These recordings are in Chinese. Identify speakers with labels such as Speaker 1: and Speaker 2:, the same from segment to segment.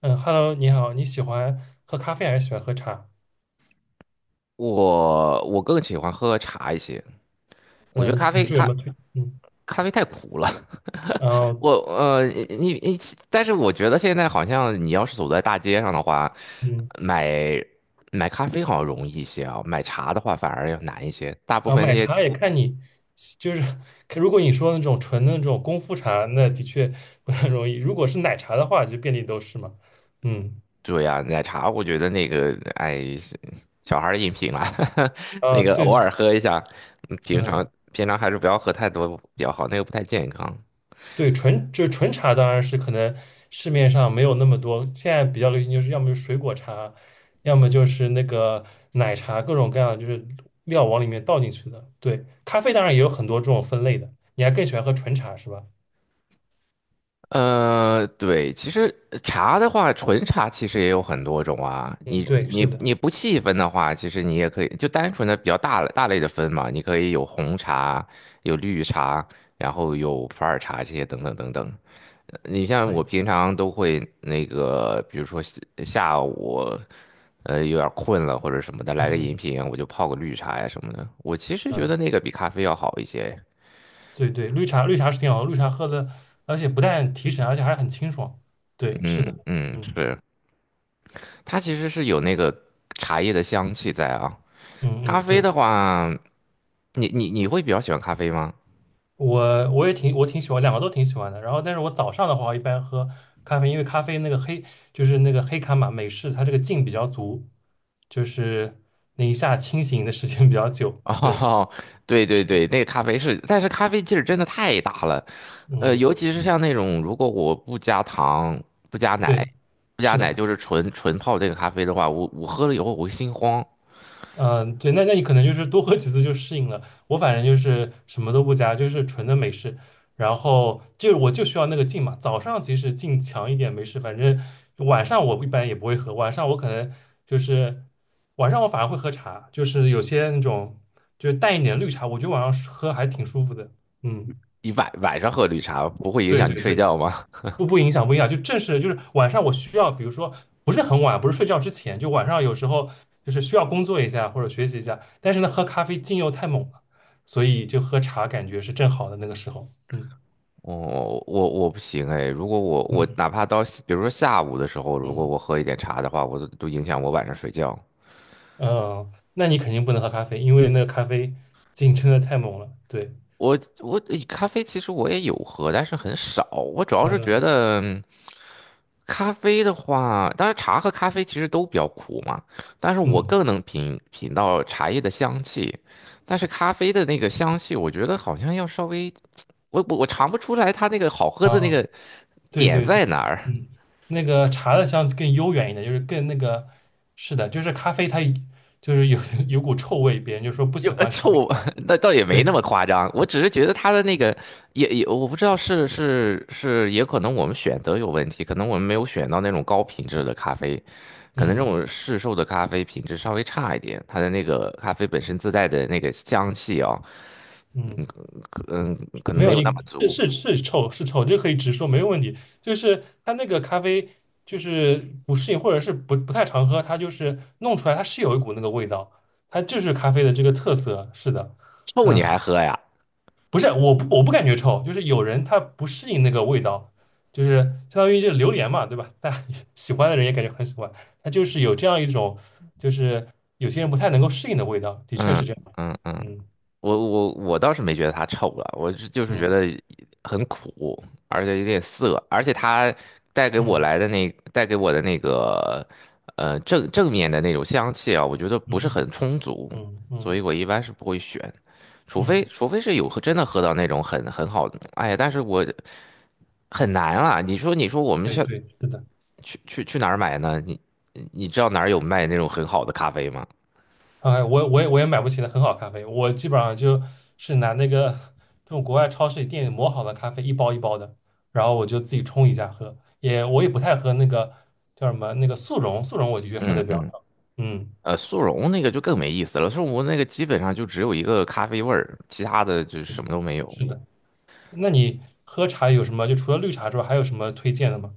Speaker 1: 嗯，Hello，你好，你喜欢喝咖啡还是喜欢喝茶？
Speaker 2: 我更喜欢喝茶一些。我觉得
Speaker 1: 嗯，比如说有什么推，嗯，
Speaker 2: 咖啡太苦了。
Speaker 1: 然 后
Speaker 2: 我呃，你你，但是我觉得现在好像你要是走在大街上的话，
Speaker 1: 嗯，
Speaker 2: 买买咖啡好像容易一些啊，买茶的话反而要难一些。大部
Speaker 1: 然后
Speaker 2: 分那
Speaker 1: 买
Speaker 2: 些
Speaker 1: 茶也看你，就是看如果你说那种纯的那种功夫茶，那的确不太容易；如果是奶茶的话，就遍地都是嘛。嗯，
Speaker 2: 对呀、奶茶我觉得那个哎，小孩儿的饮品啊，那
Speaker 1: 啊，
Speaker 2: 个偶
Speaker 1: 对，
Speaker 2: 尔喝一下。平
Speaker 1: 嗯，
Speaker 2: 常还是不要喝太多比较好，那个不太健康。
Speaker 1: 对，纯就是纯茶当然是可能市面上没有那么多，现在比较流行就是要么就是水果茶，要么就是那个奶茶，各种各样的就是料往里面倒进去的。对，咖啡当然也有很多这种分类的，你还更喜欢喝纯茶是吧？
Speaker 2: 对，其实茶的话，纯茶其实也有很多种啊。
Speaker 1: 嗯，
Speaker 2: 你
Speaker 1: 对，是
Speaker 2: 你
Speaker 1: 的，
Speaker 2: 你不细分的话，其实你也可以就单纯的比较大类的分嘛。你可以有红茶，有绿茶，然后有普洱茶这些等等等等。你像我
Speaker 1: 对，
Speaker 2: 平常都会那个，比如说下午，有点困了或者什么的，
Speaker 1: 嗯
Speaker 2: 来个饮
Speaker 1: 嗯
Speaker 2: 品，我就泡个绿茶呀什么的。我其实
Speaker 1: 嗯，
Speaker 2: 觉
Speaker 1: 啊
Speaker 2: 得那个比咖啡要好一些。
Speaker 1: 对对，绿茶绿茶是挺好喝，绿茶喝的，而且不但提神，而且还很清爽。对，是的，
Speaker 2: 嗯嗯，
Speaker 1: 嗯
Speaker 2: 是。它其实是有那个茶叶的香气在啊。
Speaker 1: 嗯
Speaker 2: 咖
Speaker 1: 嗯，
Speaker 2: 啡
Speaker 1: 对。
Speaker 2: 的话，你会比较喜欢咖啡吗？
Speaker 1: 我也挺喜欢，两个都挺喜欢的。然后，但是我早上的话，我一般喝咖啡，因为咖啡那个黑就是那个黑咖嘛，美式它这个劲比较足，就是那一下清醒的时间比较久。对，
Speaker 2: 哦，对对对，那个咖啡是，但是咖啡劲儿真的太大了。
Speaker 1: 嗯，
Speaker 2: 尤其是像那种如果我不加糖、不加
Speaker 1: 对，
Speaker 2: 奶、不加
Speaker 1: 是
Speaker 2: 奶，
Speaker 1: 的。
Speaker 2: 就是纯纯泡这个咖啡的话，我喝了以后我会心慌。
Speaker 1: 嗯，对，那你可能就是多喝几次就适应了。我反正就是什么都不加，就是纯的美式。然后就我就需要那个劲嘛。早上其实劲强一点没事，反正晚上我一般也不会喝。晚上我可能就是晚上我反而会喝茶，就是有些那种就是淡一点绿茶，我觉得晚上喝还挺舒服的。嗯，
Speaker 2: 你晚上喝绿茶不会影
Speaker 1: 对
Speaker 2: 响你
Speaker 1: 对
Speaker 2: 睡
Speaker 1: 对，
Speaker 2: 觉吗？
Speaker 1: 不影响，不影响，就正是就是晚上我需要，比如说不是很晚，不是睡觉之前，就晚上有时候就是需要工作一下或者学习一下，但是呢，喝咖啡劲又太猛了，所以就喝茶感觉是正好的那个时候。嗯
Speaker 2: 我不行哎，如果我
Speaker 1: 嗯，
Speaker 2: 哪怕到比如说下午的时候，如果
Speaker 1: 嗯
Speaker 2: 我喝一点茶的话，我都影响我晚上睡觉。
Speaker 1: 嗯，那你肯定不能喝咖啡，因为那个咖啡劲真的太猛了。对，
Speaker 2: 我我诶咖啡其实我也有喝，但是很少。我主要是觉
Speaker 1: 嗯
Speaker 2: 得咖啡的话，当然茶和咖啡其实都比较苦嘛，但是我
Speaker 1: 嗯
Speaker 2: 更能品到茶叶的香气，但是咖啡的那个香气，我觉得好像要稍微，我尝不出来它那个好喝的那
Speaker 1: 啊，
Speaker 2: 个
Speaker 1: 对
Speaker 2: 点
Speaker 1: 对对，
Speaker 2: 在哪儿。
Speaker 1: 嗯，那个茶的香气更悠远一点，就是更那个，是的，就是咖啡它就是有 有股臭味，别人就说不喜欢咖啡。
Speaker 2: 臭，那倒也没那
Speaker 1: 对，
Speaker 2: 么夸张。我只是觉得他的那个也，我不知道是，也可能我们选择有问题，可能我们没有选到那种高品质的咖啡，可能这
Speaker 1: 嗯
Speaker 2: 种市售的咖啡品质稍微差一点，它的那个咖啡本身自带的那个香气啊、嗯
Speaker 1: 嗯，
Speaker 2: 可嗯可能
Speaker 1: 没
Speaker 2: 没
Speaker 1: 有，
Speaker 2: 有
Speaker 1: 你
Speaker 2: 那么足。
Speaker 1: 是是是臭是臭，这可以直说，没有问题。就是它那个咖啡就是不适应，或者是不太常喝，它就是弄出来，它是有一股那个味道，它就是咖啡的这个特色。是的，
Speaker 2: 臭
Speaker 1: 嗯，
Speaker 2: 你还喝呀？
Speaker 1: 不是，我不感觉臭，就是有人他不适应那个味道，就是相当于这榴莲嘛，对吧？大家 喜欢的人也感觉很喜欢，它就是有这样一种，就是有些人不太能够适应的味道，的确
Speaker 2: 嗯
Speaker 1: 是这样。
Speaker 2: 嗯嗯，
Speaker 1: 嗯
Speaker 2: 我倒是没觉得它臭了，我是就是觉
Speaker 1: 嗯
Speaker 2: 得很苦，而且有点涩，而且它
Speaker 1: 嗯
Speaker 2: 带给我的那个正面的那种香气啊，我觉得不是
Speaker 1: 嗯。
Speaker 2: 很充足，
Speaker 1: 嗯
Speaker 2: 所
Speaker 1: 嗯
Speaker 2: 以我一般是不会选，
Speaker 1: 嗯，
Speaker 2: 除非是有喝真的喝到那种很很好的，哎呀，但是我很难啊，你说我们
Speaker 1: 对
Speaker 2: 去
Speaker 1: 对，是的。
Speaker 2: 去哪儿买呢？你你知道哪儿有卖那种很好的咖啡吗？
Speaker 1: 哎，我也买不起的很好咖啡，我基本上就是拿那个这种国外超市里店里磨好的咖啡一包一包的，然后我就自己冲一下喝。也我也不太喝那个叫什么那个速溶，速溶我的确喝的
Speaker 2: 嗯
Speaker 1: 比较
Speaker 2: 嗯
Speaker 1: 少。嗯，
Speaker 2: 速溶那个就更没意思了。速溶那个基本上就只有一个咖啡味儿，其他的就什
Speaker 1: 对，
Speaker 2: 么都没有。
Speaker 1: 是的。那你喝茶有什么？就除了绿茶之外，还有什么推荐的吗？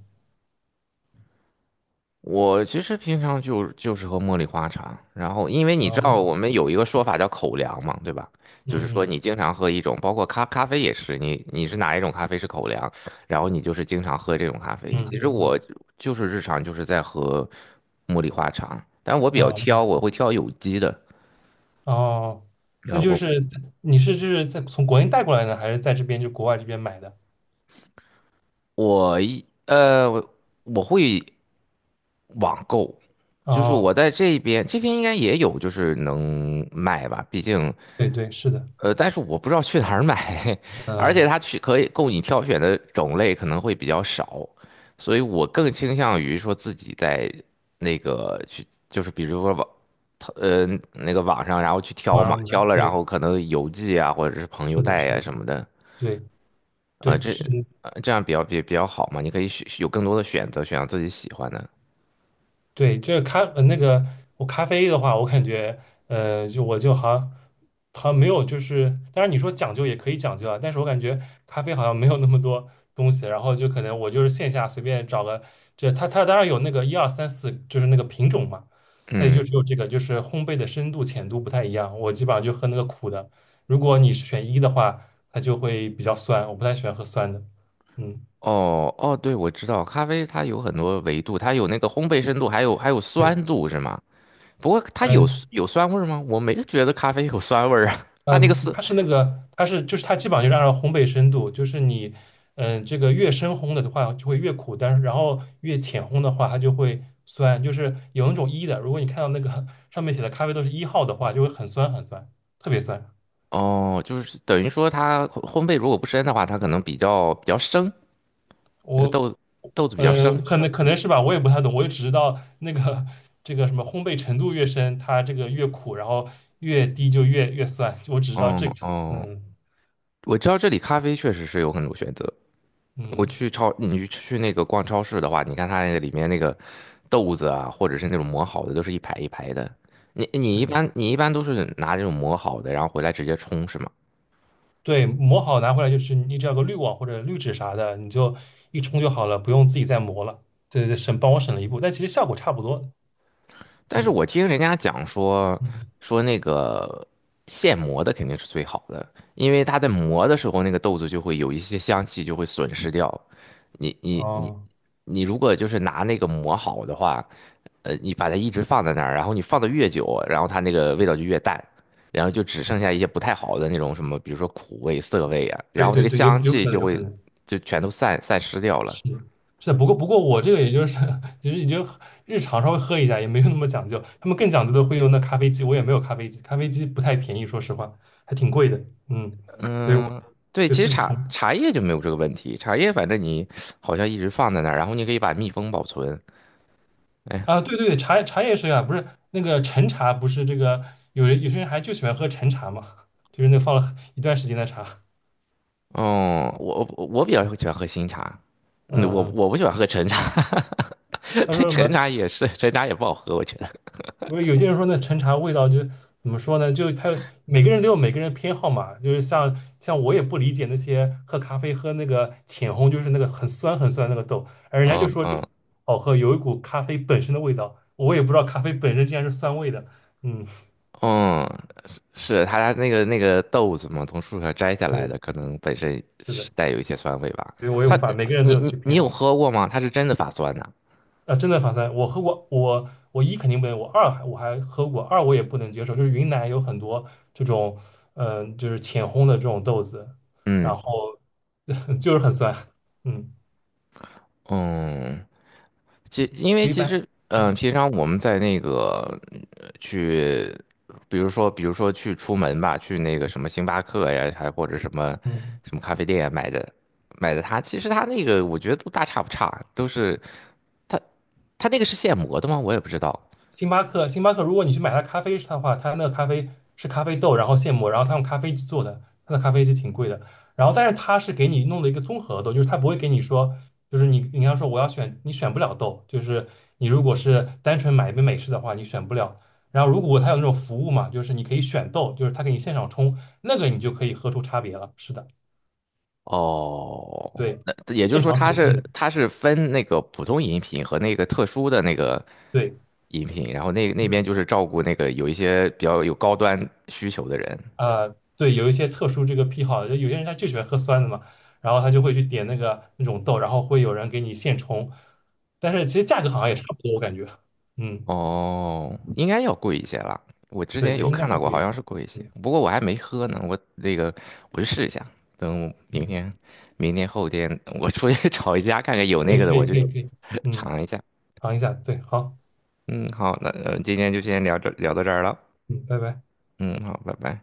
Speaker 2: 我其实平常就是喝茉莉花茶，然后因为你
Speaker 1: 啊，
Speaker 2: 知道
Speaker 1: 嗯
Speaker 2: 我们有一个说法叫口粮嘛，对吧？就是说
Speaker 1: 嗯
Speaker 2: 你经常喝一种，包括咖啡也是，你你是哪一种咖啡是口粮，然后你就是经常喝这种咖啡。
Speaker 1: 嗯
Speaker 2: 其实
Speaker 1: 嗯嗯
Speaker 2: 我就是日常就是在喝茉莉花茶，但我比较
Speaker 1: 啊
Speaker 2: 挑，我
Speaker 1: 嗯
Speaker 2: 会挑有机的。
Speaker 1: 哦，那
Speaker 2: 啊，
Speaker 1: 就
Speaker 2: 我
Speaker 1: 是在你是就是在从国内带过来的，还是在这边就国外这边买的？
Speaker 2: 我一呃，我我会。网购，就是
Speaker 1: 哦，
Speaker 2: 我在这边，这边应该也有，就是能卖吧，毕竟，
Speaker 1: 对对，是的，
Speaker 2: 但是我不知道去哪儿买，
Speaker 1: 嗯，
Speaker 2: 而且它去可以供你挑选的种类可能会比较少，所以我更倾向于说自己在那个去，就是比如说呃，那个网上，然后去挑嘛，
Speaker 1: 网上
Speaker 2: 挑
Speaker 1: 不
Speaker 2: 了然
Speaker 1: 对，
Speaker 2: 后可能邮寄啊，或者是朋友
Speaker 1: 是的，
Speaker 2: 带
Speaker 1: 是
Speaker 2: 呀
Speaker 1: 的，
Speaker 2: 什么的，
Speaker 1: 对
Speaker 2: 啊、
Speaker 1: 对
Speaker 2: 这
Speaker 1: 是，
Speaker 2: 这样比较比较好嘛，你可以选有更多的选择，选择自己喜欢的。
Speaker 1: 对，这个那个我咖啡的话，我感觉就我就好像没有，就是当然你说讲究也可以讲究啊，但是我感觉咖啡好像没有那么多东西，然后就可能我就是线下随便找个，这它当然有那个一二三四，就是那个品种嘛，它也就只
Speaker 2: 嗯。
Speaker 1: 有这个，就是烘焙的深度浅度不太一样，我基本上就喝那个苦的，如果你是选一的话，它就会比较酸，我不太喜欢喝酸的，嗯，
Speaker 2: 哦哦，对，我知道，咖啡它有很多维度，它有那个烘焙深度，还有
Speaker 1: 对，
Speaker 2: 酸度，是吗？不过它
Speaker 1: 嗯。
Speaker 2: 有酸味儿吗？我没觉得咖啡有酸味儿啊。它那个
Speaker 1: 嗯，
Speaker 2: 酸，
Speaker 1: 它是那个，它是就是它基本上就是按照烘焙深度，就是你，嗯，这个越深烘的话就会越苦，但是然后越浅烘的话它就会酸，就是有那种一的，如果你看到那个上面写的咖啡都是一号的话，就会很酸很酸，特别酸。
Speaker 2: 哦，就是等于说它烘焙如果不深的话，它可能比较生，那个
Speaker 1: 我
Speaker 2: 豆子比较生。
Speaker 1: 可能是吧，我也不太懂，我就只知道那个这个什么烘焙程度越深，它这个越苦，然后越低就越酸，我只知道
Speaker 2: 嗯
Speaker 1: 这个。
Speaker 2: 哦，
Speaker 1: 嗯
Speaker 2: 我知道这里咖啡确实是有很多选择。我
Speaker 1: 嗯，
Speaker 2: 去超，你去那个逛超市的话，你看它那个里面那个豆子啊，或者是那种磨好的，都是一排一排的。
Speaker 1: 对。
Speaker 2: 你一般都是拿这种磨好的，然后回来直接冲是吗？
Speaker 1: 对，磨好拿回来就是你只要个滤网或者滤纸啥的，你就一冲就好了，不用自己再磨了。对对对，帮我省了一步，但其实效果差不多。
Speaker 2: 但是
Speaker 1: 嗯
Speaker 2: 我听人家讲
Speaker 1: 嗯，
Speaker 2: 说那个现磨的肯定是最好的，因为它在磨的时候，那个豆子就会有一些香气就会损失掉。你
Speaker 1: 哦，
Speaker 2: 你如果就是拿那个磨好的话，你把它一直放在那儿，然后你放的越久，然后它那个味道就越淡，然后就只剩下一些不太好的那种什么，比如说苦味、涩味啊，然
Speaker 1: 对
Speaker 2: 后那
Speaker 1: 对
Speaker 2: 个
Speaker 1: 对，有
Speaker 2: 香
Speaker 1: 有
Speaker 2: 气
Speaker 1: 可能
Speaker 2: 就
Speaker 1: 有可
Speaker 2: 会
Speaker 1: 能
Speaker 2: 就全都散失掉了。
Speaker 1: 是的是的，不过我这个也就是 其实也就日常稍微喝一下，也没有那么讲究。他们更讲究的会用那咖啡机，我也没有咖啡机，咖啡机不太便宜，说实话还挺贵的。嗯，所以我
Speaker 2: 对，
Speaker 1: 就
Speaker 2: 其实
Speaker 1: 自己冲。
Speaker 2: 茶叶就没有这个问题，茶叶反正你好像一直放在那儿，然后你可以把密封保存。哎，
Speaker 1: 啊，对对对，茶叶是啊，不是那个陈茶，不是这个有些人还就喜欢喝陈茶嘛，就是那放了一段时间的茶，
Speaker 2: 哦，我比较喜欢喝新茶，
Speaker 1: 嗯
Speaker 2: 嗯，我
Speaker 1: 嗯，
Speaker 2: 我不喜欢喝陈茶。
Speaker 1: 他
Speaker 2: 对，
Speaker 1: 说什
Speaker 2: 陈
Speaker 1: 么？
Speaker 2: 茶也是，陈茶也不好喝，我觉得。
Speaker 1: 不是有些人说那陈茶味道就怎么说呢？就他每个人都有每个人偏好嘛，就是像我也不理解那些喝咖啡喝那个浅烘，就是那个很酸很酸那个豆，而人家就
Speaker 2: 嗯
Speaker 1: 说这个
Speaker 2: 嗯
Speaker 1: 好喝，有一股咖啡本身的味道，我也不知道咖啡本身竟然是酸味的，嗯，
Speaker 2: 嗯，是他家那个豆子嘛，从树上摘下来
Speaker 1: 对，
Speaker 2: 的，可能本身
Speaker 1: 是
Speaker 2: 是
Speaker 1: 的，
Speaker 2: 带有一些酸味吧。
Speaker 1: 所以我也
Speaker 2: 它，
Speaker 1: 无法，每个人都
Speaker 2: 你
Speaker 1: 有自
Speaker 2: 你
Speaker 1: 己
Speaker 2: 你
Speaker 1: 偏
Speaker 2: 有
Speaker 1: 好。
Speaker 2: 喝过吗？它是真的发酸呐、
Speaker 1: 啊，真的法酸！我喝过，我一肯定不能，我二还我还喝过，二我也不能接受，就是云南有很多这种，嗯，就是浅烘的这种豆子，
Speaker 2: 嗯
Speaker 1: 然后 就是很酸，嗯，
Speaker 2: 嗯，其因为
Speaker 1: 不一
Speaker 2: 其实
Speaker 1: 般，嗯
Speaker 2: 平常我们在那个呃去，比如说去出门吧，去那个什么星巴克呀，还或者什么
Speaker 1: 嗯。
Speaker 2: 什么咖啡店呀买的它，其实它那个我觉得都大差不差，都是它它那个是现磨的吗？我也不知道。
Speaker 1: 星巴克，如果你去买它咖啡的话，它那个咖啡是咖啡豆，然后现磨，然后它用咖啡机做的，它的咖啡机挺贵的。然后，但是它是给你弄的一个综合豆，就是它不会给你说，就是你要说我要选，你选不了豆，就是你如果是单纯买一杯美式的话，你选不了。然后，如果它有那种服务嘛，就是你可以选豆，就是它给你现场冲，那个你就可以喝出差别了。是的，
Speaker 2: 哦，
Speaker 1: 对，
Speaker 2: 那也就是
Speaker 1: 现
Speaker 2: 说，
Speaker 1: 场手冲的，
Speaker 2: 它是分那个普通饮品和那个特殊的那个
Speaker 1: 对。
Speaker 2: 饮品，然后
Speaker 1: 是
Speaker 2: 那边
Speaker 1: 的。
Speaker 2: 就是照顾那个有一些比较有高端需求的人。
Speaker 1: 呃，对，有一些特殊这个癖好，就有些人他就喜欢喝酸的嘛，然后他就会去点那个那种豆，然后会有人给你现冲，但是其实价格好像也差不多，我感觉，嗯，
Speaker 2: 哦，应该要贵一些了。我之
Speaker 1: 对
Speaker 2: 前
Speaker 1: 对，
Speaker 2: 有
Speaker 1: 应该
Speaker 2: 看到
Speaker 1: 会
Speaker 2: 过，
Speaker 1: 贵一
Speaker 2: 好
Speaker 1: 点，
Speaker 2: 像是贵一些，
Speaker 1: 嗯
Speaker 2: 不过我还没喝呢。我那个我去试一下，等
Speaker 1: 嗯
Speaker 2: 明
Speaker 1: 嗯，
Speaker 2: 天、明天后天我出去 找一家看看有
Speaker 1: 可
Speaker 2: 那个
Speaker 1: 以
Speaker 2: 的，
Speaker 1: 可以
Speaker 2: 我就
Speaker 1: 可以可以，嗯，
Speaker 2: 尝一下。
Speaker 1: 尝一下，对，好，
Speaker 2: 嗯，好，那今天就先聊这聊到这儿了。
Speaker 1: 嗯，拜拜。
Speaker 2: 嗯，好，拜拜。